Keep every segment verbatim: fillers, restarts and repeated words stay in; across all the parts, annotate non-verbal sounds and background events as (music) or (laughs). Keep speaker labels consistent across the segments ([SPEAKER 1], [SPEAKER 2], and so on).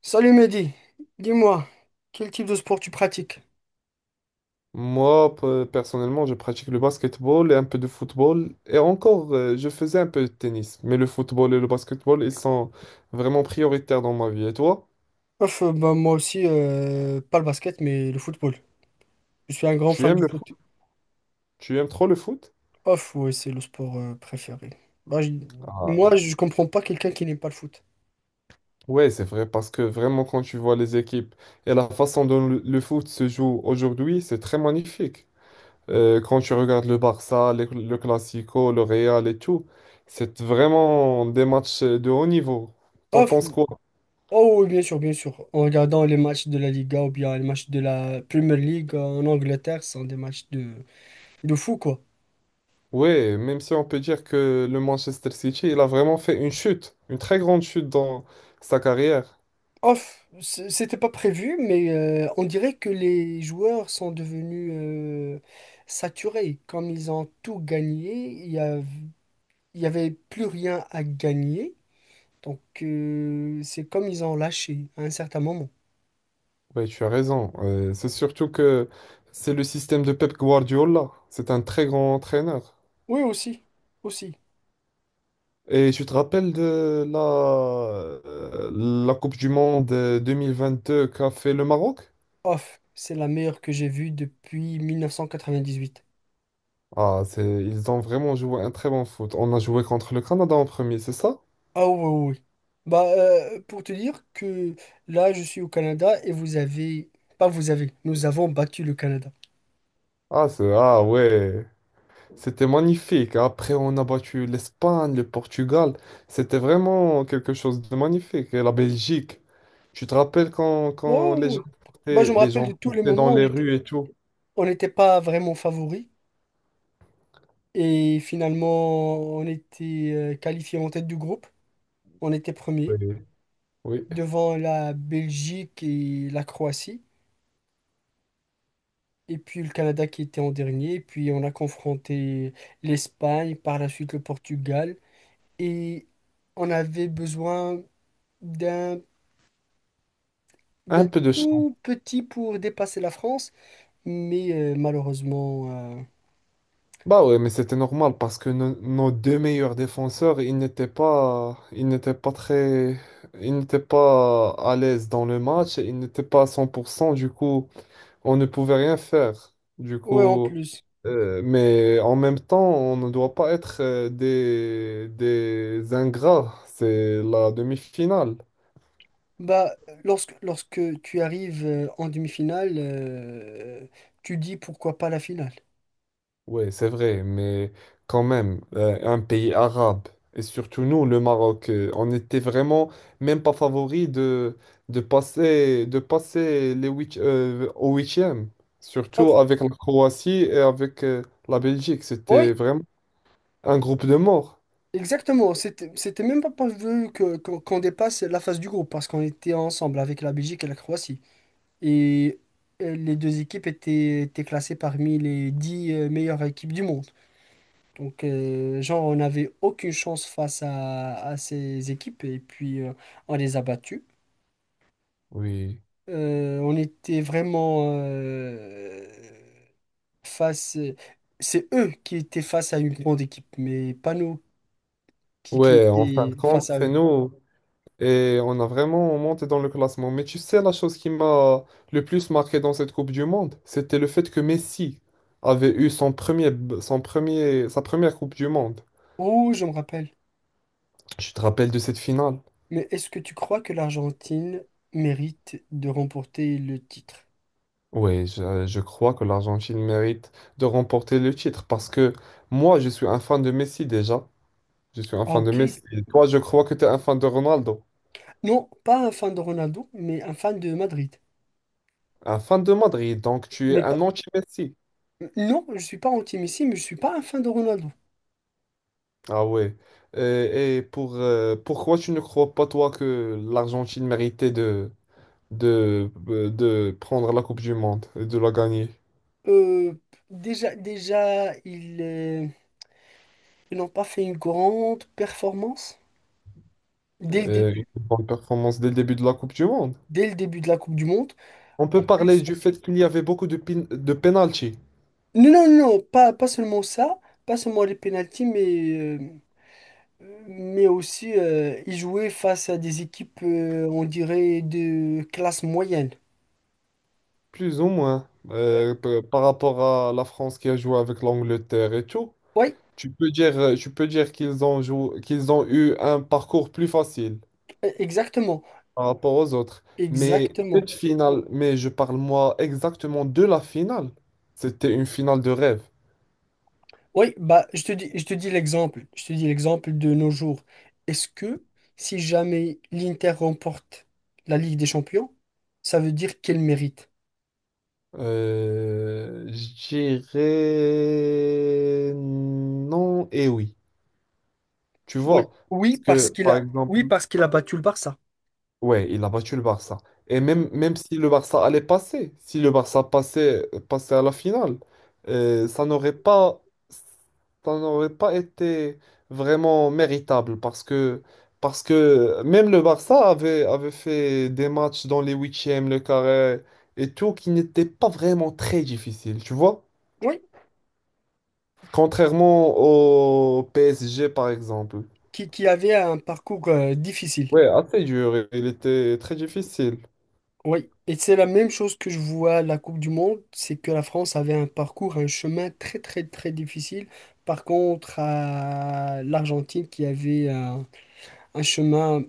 [SPEAKER 1] Salut Mehdi, dis-moi, quel type de sport tu pratiques?
[SPEAKER 2] Moi, pe- personnellement, je pratique le basketball et un peu de football. Et encore, euh, je faisais un peu de tennis. Mais le football et le basketball, ils sont vraiment prioritaires dans ma vie. Et toi,
[SPEAKER 1] Ouf, euh, bah, moi aussi, euh, pas le basket, mais le football. Je suis un grand
[SPEAKER 2] tu
[SPEAKER 1] fan
[SPEAKER 2] aimes
[SPEAKER 1] du
[SPEAKER 2] le
[SPEAKER 1] foot.
[SPEAKER 2] foot? Tu aimes trop le foot?
[SPEAKER 1] Off, ouais, c'est le sport euh, préféré. Bah, je- Moi,
[SPEAKER 2] Ah.
[SPEAKER 1] je comprends pas quelqu'un qui n'aime pas le foot.
[SPEAKER 2] Ouais, c'est vrai, parce que vraiment, quand tu vois les équipes et la façon dont le, le foot se joue aujourd'hui, c'est très magnifique. Euh, quand tu regardes le Barça, le, le Classico, le Real et tout, c'est vraiment des matchs de haut niveau. T'en
[SPEAKER 1] Off,
[SPEAKER 2] penses quoi?
[SPEAKER 1] oh oui, bien sûr, bien sûr. En regardant les matchs de la Liga ou bien les matchs de la Premier League en Angleterre, ce sont des matchs de, de fou, quoi.
[SPEAKER 2] Ouais, même si on peut dire que le Manchester City, il a vraiment fait une chute, une très grande chute dans sa carrière.
[SPEAKER 1] Off, c- c'était pas prévu, mais euh, on dirait que les joueurs sont devenus euh, saturés. Comme ils ont tout gagné, il y a- il y avait plus rien à gagner. Donc euh, c'est comme ils ont lâché à un certain moment.
[SPEAKER 2] Oui, tu as raison. Euh, c'est surtout que c'est le système de Pep Guardiola. C'est un très grand entraîneur.
[SPEAKER 1] Oui, aussi, aussi.
[SPEAKER 2] Et tu te rappelles de la, euh, la Coupe du Monde euh, deux mille vingt-deux qu'a fait le Maroc?
[SPEAKER 1] Off, c'est la meilleure que j'ai vue depuis mille neuf cent quatre-vingt-dix-huit.
[SPEAKER 2] Ah, c'est, ils ont vraiment joué un très bon foot. On a joué contre le Canada en premier, c'est ça?
[SPEAKER 1] Ah oui, oui, oui. Bah, euh, pour te dire que là, je suis au Canada et vous avez... Pas vous avez, nous avons battu le Canada.
[SPEAKER 2] Ah, c'est, ah ouais. C'était magnifique. Après, on a battu l'Espagne, le Portugal. C'était vraiment quelque chose de magnifique. Et la Belgique. Tu te rappelles quand, quand
[SPEAKER 1] Oh,
[SPEAKER 2] les gens
[SPEAKER 1] oui. Bah, je
[SPEAKER 2] portaient,
[SPEAKER 1] me
[SPEAKER 2] les
[SPEAKER 1] rappelle de
[SPEAKER 2] gens
[SPEAKER 1] tous les
[SPEAKER 2] portaient dans
[SPEAKER 1] moments où on
[SPEAKER 2] les
[SPEAKER 1] était,
[SPEAKER 2] rues et tout?
[SPEAKER 1] on n'était pas vraiment favori. Et finalement, on était euh, qualifié en tête du groupe. On était
[SPEAKER 2] Oui.
[SPEAKER 1] premier
[SPEAKER 2] Oui.
[SPEAKER 1] devant la Belgique et la Croatie. Et puis le Canada qui était en dernier. Et puis on a confronté l'Espagne, par la suite le Portugal. Et on avait besoin d'un d'un
[SPEAKER 2] Un peu de chance.
[SPEAKER 1] tout petit pour dépasser la France. Mais euh, malheureusement, euh,
[SPEAKER 2] Bah ouais, mais c'était normal parce que no- nos deux meilleurs défenseurs, ils n'étaient pas, ils n'étaient pas très, ils n'étaient pas à l'aise dans le match. Ils n'étaient pas à cent pour cent. Du coup, on ne pouvait rien faire. Du
[SPEAKER 1] ouais, en
[SPEAKER 2] coup,
[SPEAKER 1] plus.
[SPEAKER 2] euh, mais en même temps, on ne doit pas être euh, des, des ingrats. C'est la demi-finale.
[SPEAKER 1] Bah, lorsque, lorsque tu arrives euh, en demi-finale, euh, tu dis pourquoi pas la finale.
[SPEAKER 2] Oui, c'est vrai, mais quand même, euh, un pays arabe, et surtout nous, le Maroc, euh, on était vraiment même pas favori de, de passer, de passer les huit, euh, au huitième,
[SPEAKER 1] Hop.
[SPEAKER 2] surtout avec la Croatie et avec euh, la Belgique. C'était
[SPEAKER 1] Oui,
[SPEAKER 2] vraiment un groupe de morts.
[SPEAKER 1] exactement. C'était, c'était même pas prévu que, qu'on qu'on dépasse la phase du groupe parce qu'on était ensemble avec la Belgique et la Croatie. Et euh, les deux équipes étaient, étaient classées parmi les dix euh, meilleures équipes du monde. Donc, euh, genre, on n'avait aucune chance face à, à ces équipes et puis euh, on les a battues.
[SPEAKER 2] Oui.
[SPEAKER 1] Euh, on était vraiment. euh, face, euh, c'est eux qui étaient face à une grande équipe, mais pas nous qui, qui
[SPEAKER 2] Ouais, en fin de
[SPEAKER 1] étaient
[SPEAKER 2] compte,
[SPEAKER 1] face à
[SPEAKER 2] c'est
[SPEAKER 1] eux.
[SPEAKER 2] nous. Et on a vraiment monté dans le classement. Mais tu sais, la chose qui m'a le plus marqué dans cette Coupe du Monde, c'était le fait que Messi avait eu son premier, son premier, sa première Coupe du Monde.
[SPEAKER 1] Oh, je me rappelle.
[SPEAKER 2] Tu te rappelles de cette finale?
[SPEAKER 1] Mais est-ce que tu crois que l'Argentine mérite de remporter le titre?
[SPEAKER 2] Oui, je, je crois que l'Argentine mérite de remporter le titre parce que moi, je suis un fan de Messi déjà. Je suis un
[SPEAKER 1] Ah,
[SPEAKER 2] fan de
[SPEAKER 1] ok.
[SPEAKER 2] Messi. Et toi, je crois que tu es un fan de Ronaldo.
[SPEAKER 1] Non, pas un fan de Ronaldo, mais un fan de Madrid.
[SPEAKER 2] Un fan de Madrid, donc tu es
[SPEAKER 1] Mais
[SPEAKER 2] un
[SPEAKER 1] pas...
[SPEAKER 2] anti-Messi.
[SPEAKER 1] Non, je suis pas anti-Messi, mais je suis pas un fan de Ronaldo.
[SPEAKER 2] Ah ouais. Et, et pour, euh, pourquoi tu ne crois pas, toi, que l'Argentine méritait de, de, euh, de prendre la Coupe du Monde et de la gagner?
[SPEAKER 1] Euh, déjà, déjà, ils, euh, ils n'ont pas fait une grande performance dès le
[SPEAKER 2] Euh, une
[SPEAKER 1] début,
[SPEAKER 2] bonne performance dès le début de la Coupe du Monde.
[SPEAKER 1] dès le début de la Coupe du Monde.
[SPEAKER 2] On
[SPEAKER 1] En
[SPEAKER 2] peut parler
[SPEAKER 1] plus,
[SPEAKER 2] du fait qu'il y avait beaucoup de, pin- de penalty,
[SPEAKER 1] non, non, non, pas, pas seulement ça, pas seulement les pénaltys, mais, euh, mais aussi euh, ils jouaient face à des équipes, euh, on dirait, de classe moyenne.
[SPEAKER 2] plus ou moins, euh, p- par rapport à la France qui a joué avec l'Angleterre et tout.
[SPEAKER 1] Oui,
[SPEAKER 2] Tu peux dire, euh, tu peux dire qu'ils ont joué, qu'ils ont eu un parcours plus facile.
[SPEAKER 1] e- exactement,
[SPEAKER 2] Par rapport aux autres. Mais
[SPEAKER 1] exactement.
[SPEAKER 2] cette finale, mais je parle moi exactement de la finale. C'était une finale de rêve.
[SPEAKER 1] Oui, bah, je te dis, je te dis l'exemple, je te dis l'exemple de nos jours. Est-ce que si jamais l'Inter remporte la Ligue des Champions, ça veut dire qu'elle mérite?
[SPEAKER 2] Euh, je dirais non et oui. Tu
[SPEAKER 1] Oui,
[SPEAKER 2] vois,
[SPEAKER 1] oui,
[SPEAKER 2] parce
[SPEAKER 1] parce
[SPEAKER 2] que
[SPEAKER 1] qu'il
[SPEAKER 2] par
[SPEAKER 1] a,
[SPEAKER 2] exemple,
[SPEAKER 1] oui, parce qu'il a battu le Barça.
[SPEAKER 2] ouais, il a battu le Barça. Et même, même si le Barça allait passer, si le Barça passait, passait à la finale, euh, ça n'aurait pas, ça n'aurait pas été vraiment méritable parce que, parce que même le Barça avait, avait fait des matchs dans les huitièmes, le carré et tout qui n'étaient pas vraiment très difficiles, tu vois?
[SPEAKER 1] Oui,
[SPEAKER 2] Contrairement au P S G par exemple.
[SPEAKER 1] qui, qui avait un parcours euh, difficile.
[SPEAKER 2] Ouais, assez dur, il était très difficile.
[SPEAKER 1] Oui, et c'est la même chose que je vois à la Coupe du Monde, c'est que la France avait un parcours, un chemin très très très difficile. Par contre, à l'Argentine qui avait un, un chemin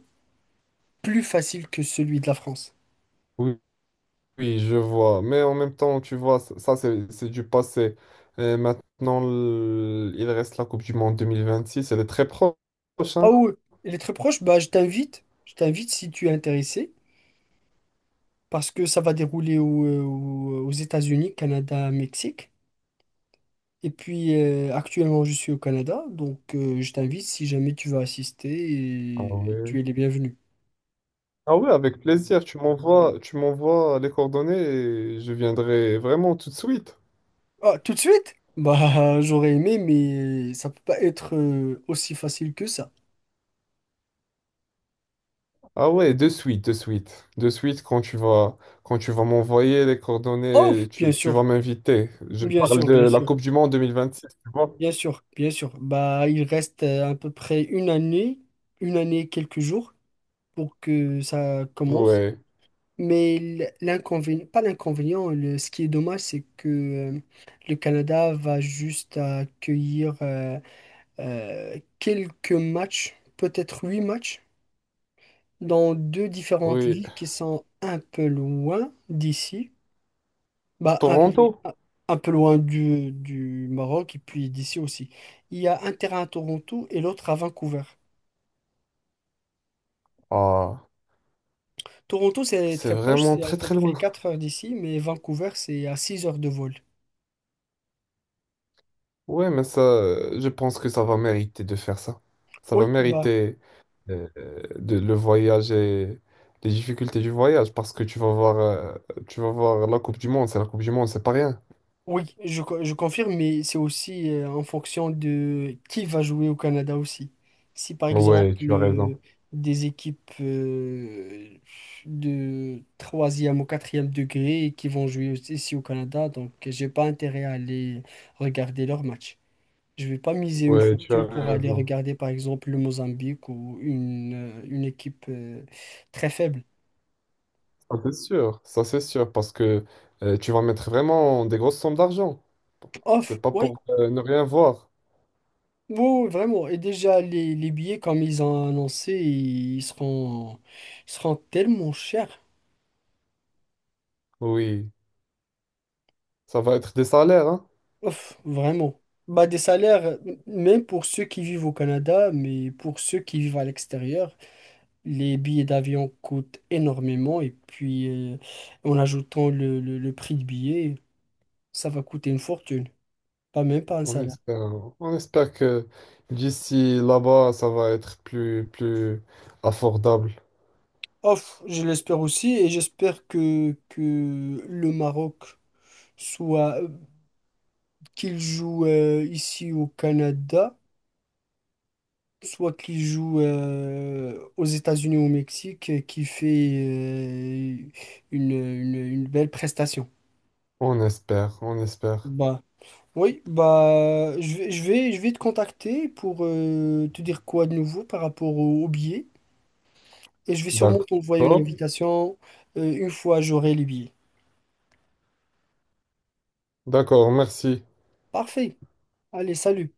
[SPEAKER 1] plus facile que celui de la France.
[SPEAKER 2] Oui. Oui, je vois. Mais en même temps, tu vois, ça, ça, c'est c'est du passé. Et maintenant, l- il reste la Coupe du Monde deux mille vingt-six. Elle est très proche,
[SPEAKER 1] Ah
[SPEAKER 2] hein.
[SPEAKER 1] oui, il est très proche, bah je t'invite, je t'invite si tu es intéressé, parce que ça va dérouler au- au- aux États-Unis, Canada, Mexique. Et puis euh, actuellement, je suis au Canada, donc euh, je t'invite si jamais tu veux assister,
[SPEAKER 2] Ah
[SPEAKER 1] et
[SPEAKER 2] ouais.
[SPEAKER 1] tu es les bienvenus.
[SPEAKER 2] Ah ouais, avec plaisir. Tu m'envoies, tu m'envoies les coordonnées et je viendrai vraiment tout de suite.
[SPEAKER 1] Ah, tout de suite? Bah, (laughs) j'aurais aimé, mais ça peut pas être euh, aussi facile que ça.
[SPEAKER 2] Ah ouais, de suite, de suite. De suite, quand tu vas, quand tu vas m'envoyer les
[SPEAKER 1] Oh,
[SPEAKER 2] coordonnées,
[SPEAKER 1] bien
[SPEAKER 2] tu, tu vas
[SPEAKER 1] sûr,
[SPEAKER 2] m'inviter. Je
[SPEAKER 1] bien
[SPEAKER 2] parle
[SPEAKER 1] sûr,
[SPEAKER 2] de
[SPEAKER 1] bien
[SPEAKER 2] la
[SPEAKER 1] sûr,
[SPEAKER 2] Coupe du Monde deux mille vingt-six, tu vois?
[SPEAKER 1] bien sûr, bien sûr. Bah, il reste euh, à peu près une année, une année et quelques jours pour que ça commence.
[SPEAKER 2] Ouais,
[SPEAKER 1] Mais l- l'inconvénient, pas l'inconvénient, le- ce qui est dommage, c'est que euh, le Canada va juste accueillir euh, euh, quelques matchs, peut-être huit matchs, dans deux différentes
[SPEAKER 2] oui.
[SPEAKER 1] villes qui sont un peu loin d'ici, bah, un,
[SPEAKER 2] Toronto?
[SPEAKER 1] un- un peu loin du, du Maroc et puis d'ici aussi. Il y a un terrain à Toronto et l'autre à Vancouver.
[SPEAKER 2] Ah,
[SPEAKER 1] Toronto, c'est
[SPEAKER 2] c'est
[SPEAKER 1] très proche,
[SPEAKER 2] vraiment
[SPEAKER 1] c'est à
[SPEAKER 2] très
[SPEAKER 1] peu
[SPEAKER 2] très loin.
[SPEAKER 1] près quatre heures d'ici, mais Vancouver, c'est à six heures de vol.
[SPEAKER 2] Ouais, mais ça, euh, je pense que ça va mériter de faire ça. Ça va
[SPEAKER 1] Oui, bah.
[SPEAKER 2] mériter euh, de, le voyage et les difficultés du voyage parce que tu vas voir, euh, tu vas voir la Coupe du Monde. C'est la Coupe du Monde, c'est pas rien.
[SPEAKER 1] Oui, je, co- je confirme, mais c'est aussi euh, en fonction de qui va jouer au Canada aussi. Si par exemple
[SPEAKER 2] Ouais, tu as raison.
[SPEAKER 1] euh, des équipes euh, de troisième ou quatrième degré qui vont jouer aussi ici au Canada, donc j'ai pas intérêt à aller regarder leur match. Je vais pas miser une
[SPEAKER 2] Ouais, tu as
[SPEAKER 1] fortune pour aller
[SPEAKER 2] raison.
[SPEAKER 1] regarder par exemple le Mozambique ou une, euh, une équipe euh, très faible.
[SPEAKER 2] Ça, c'est sûr. Ça, c'est sûr parce que euh, tu vas mettre vraiment des grosses sommes d'argent.
[SPEAKER 1] Off,
[SPEAKER 2] C'est pas
[SPEAKER 1] oui,
[SPEAKER 2] pour euh, ne rien voir.
[SPEAKER 1] oui, vraiment. Et déjà, les, les billets, comme ils ont annoncé, ils seront, ils seront tellement chers.
[SPEAKER 2] Oui, ça va être des salaires, hein.
[SPEAKER 1] Ouf, vraiment. Bah, des salaires, m- même pour ceux qui vivent au Canada, mais pour ceux qui vivent à l'extérieur, les billets d'avion coûtent énormément. Et puis, euh, en ajoutant le, le, le prix de billet, ça va coûter une fortune. Pas même pas un
[SPEAKER 2] On
[SPEAKER 1] salaire.
[SPEAKER 2] espère, on espère que d'ici là-bas, ça va être plus, plus abordable.
[SPEAKER 1] Ouf, je l'espère aussi. Et j'espère que, que le Maroc soit qu'il joue euh, ici au Canada, soit qu'il joue euh, aux États-Unis ou au Mexique, et qui fait euh, une, une- une belle prestation.
[SPEAKER 2] On espère, on espère.
[SPEAKER 1] Bah, oui, bah, je vais, je vais, je vais te contacter pour euh, te dire quoi de nouveau par rapport au, au billet. Et je vais sûrement t'envoyer une
[SPEAKER 2] D'accord.
[SPEAKER 1] invitation euh, une fois j'aurai les billets.
[SPEAKER 2] D'accord, merci.
[SPEAKER 1] Parfait. Allez, salut.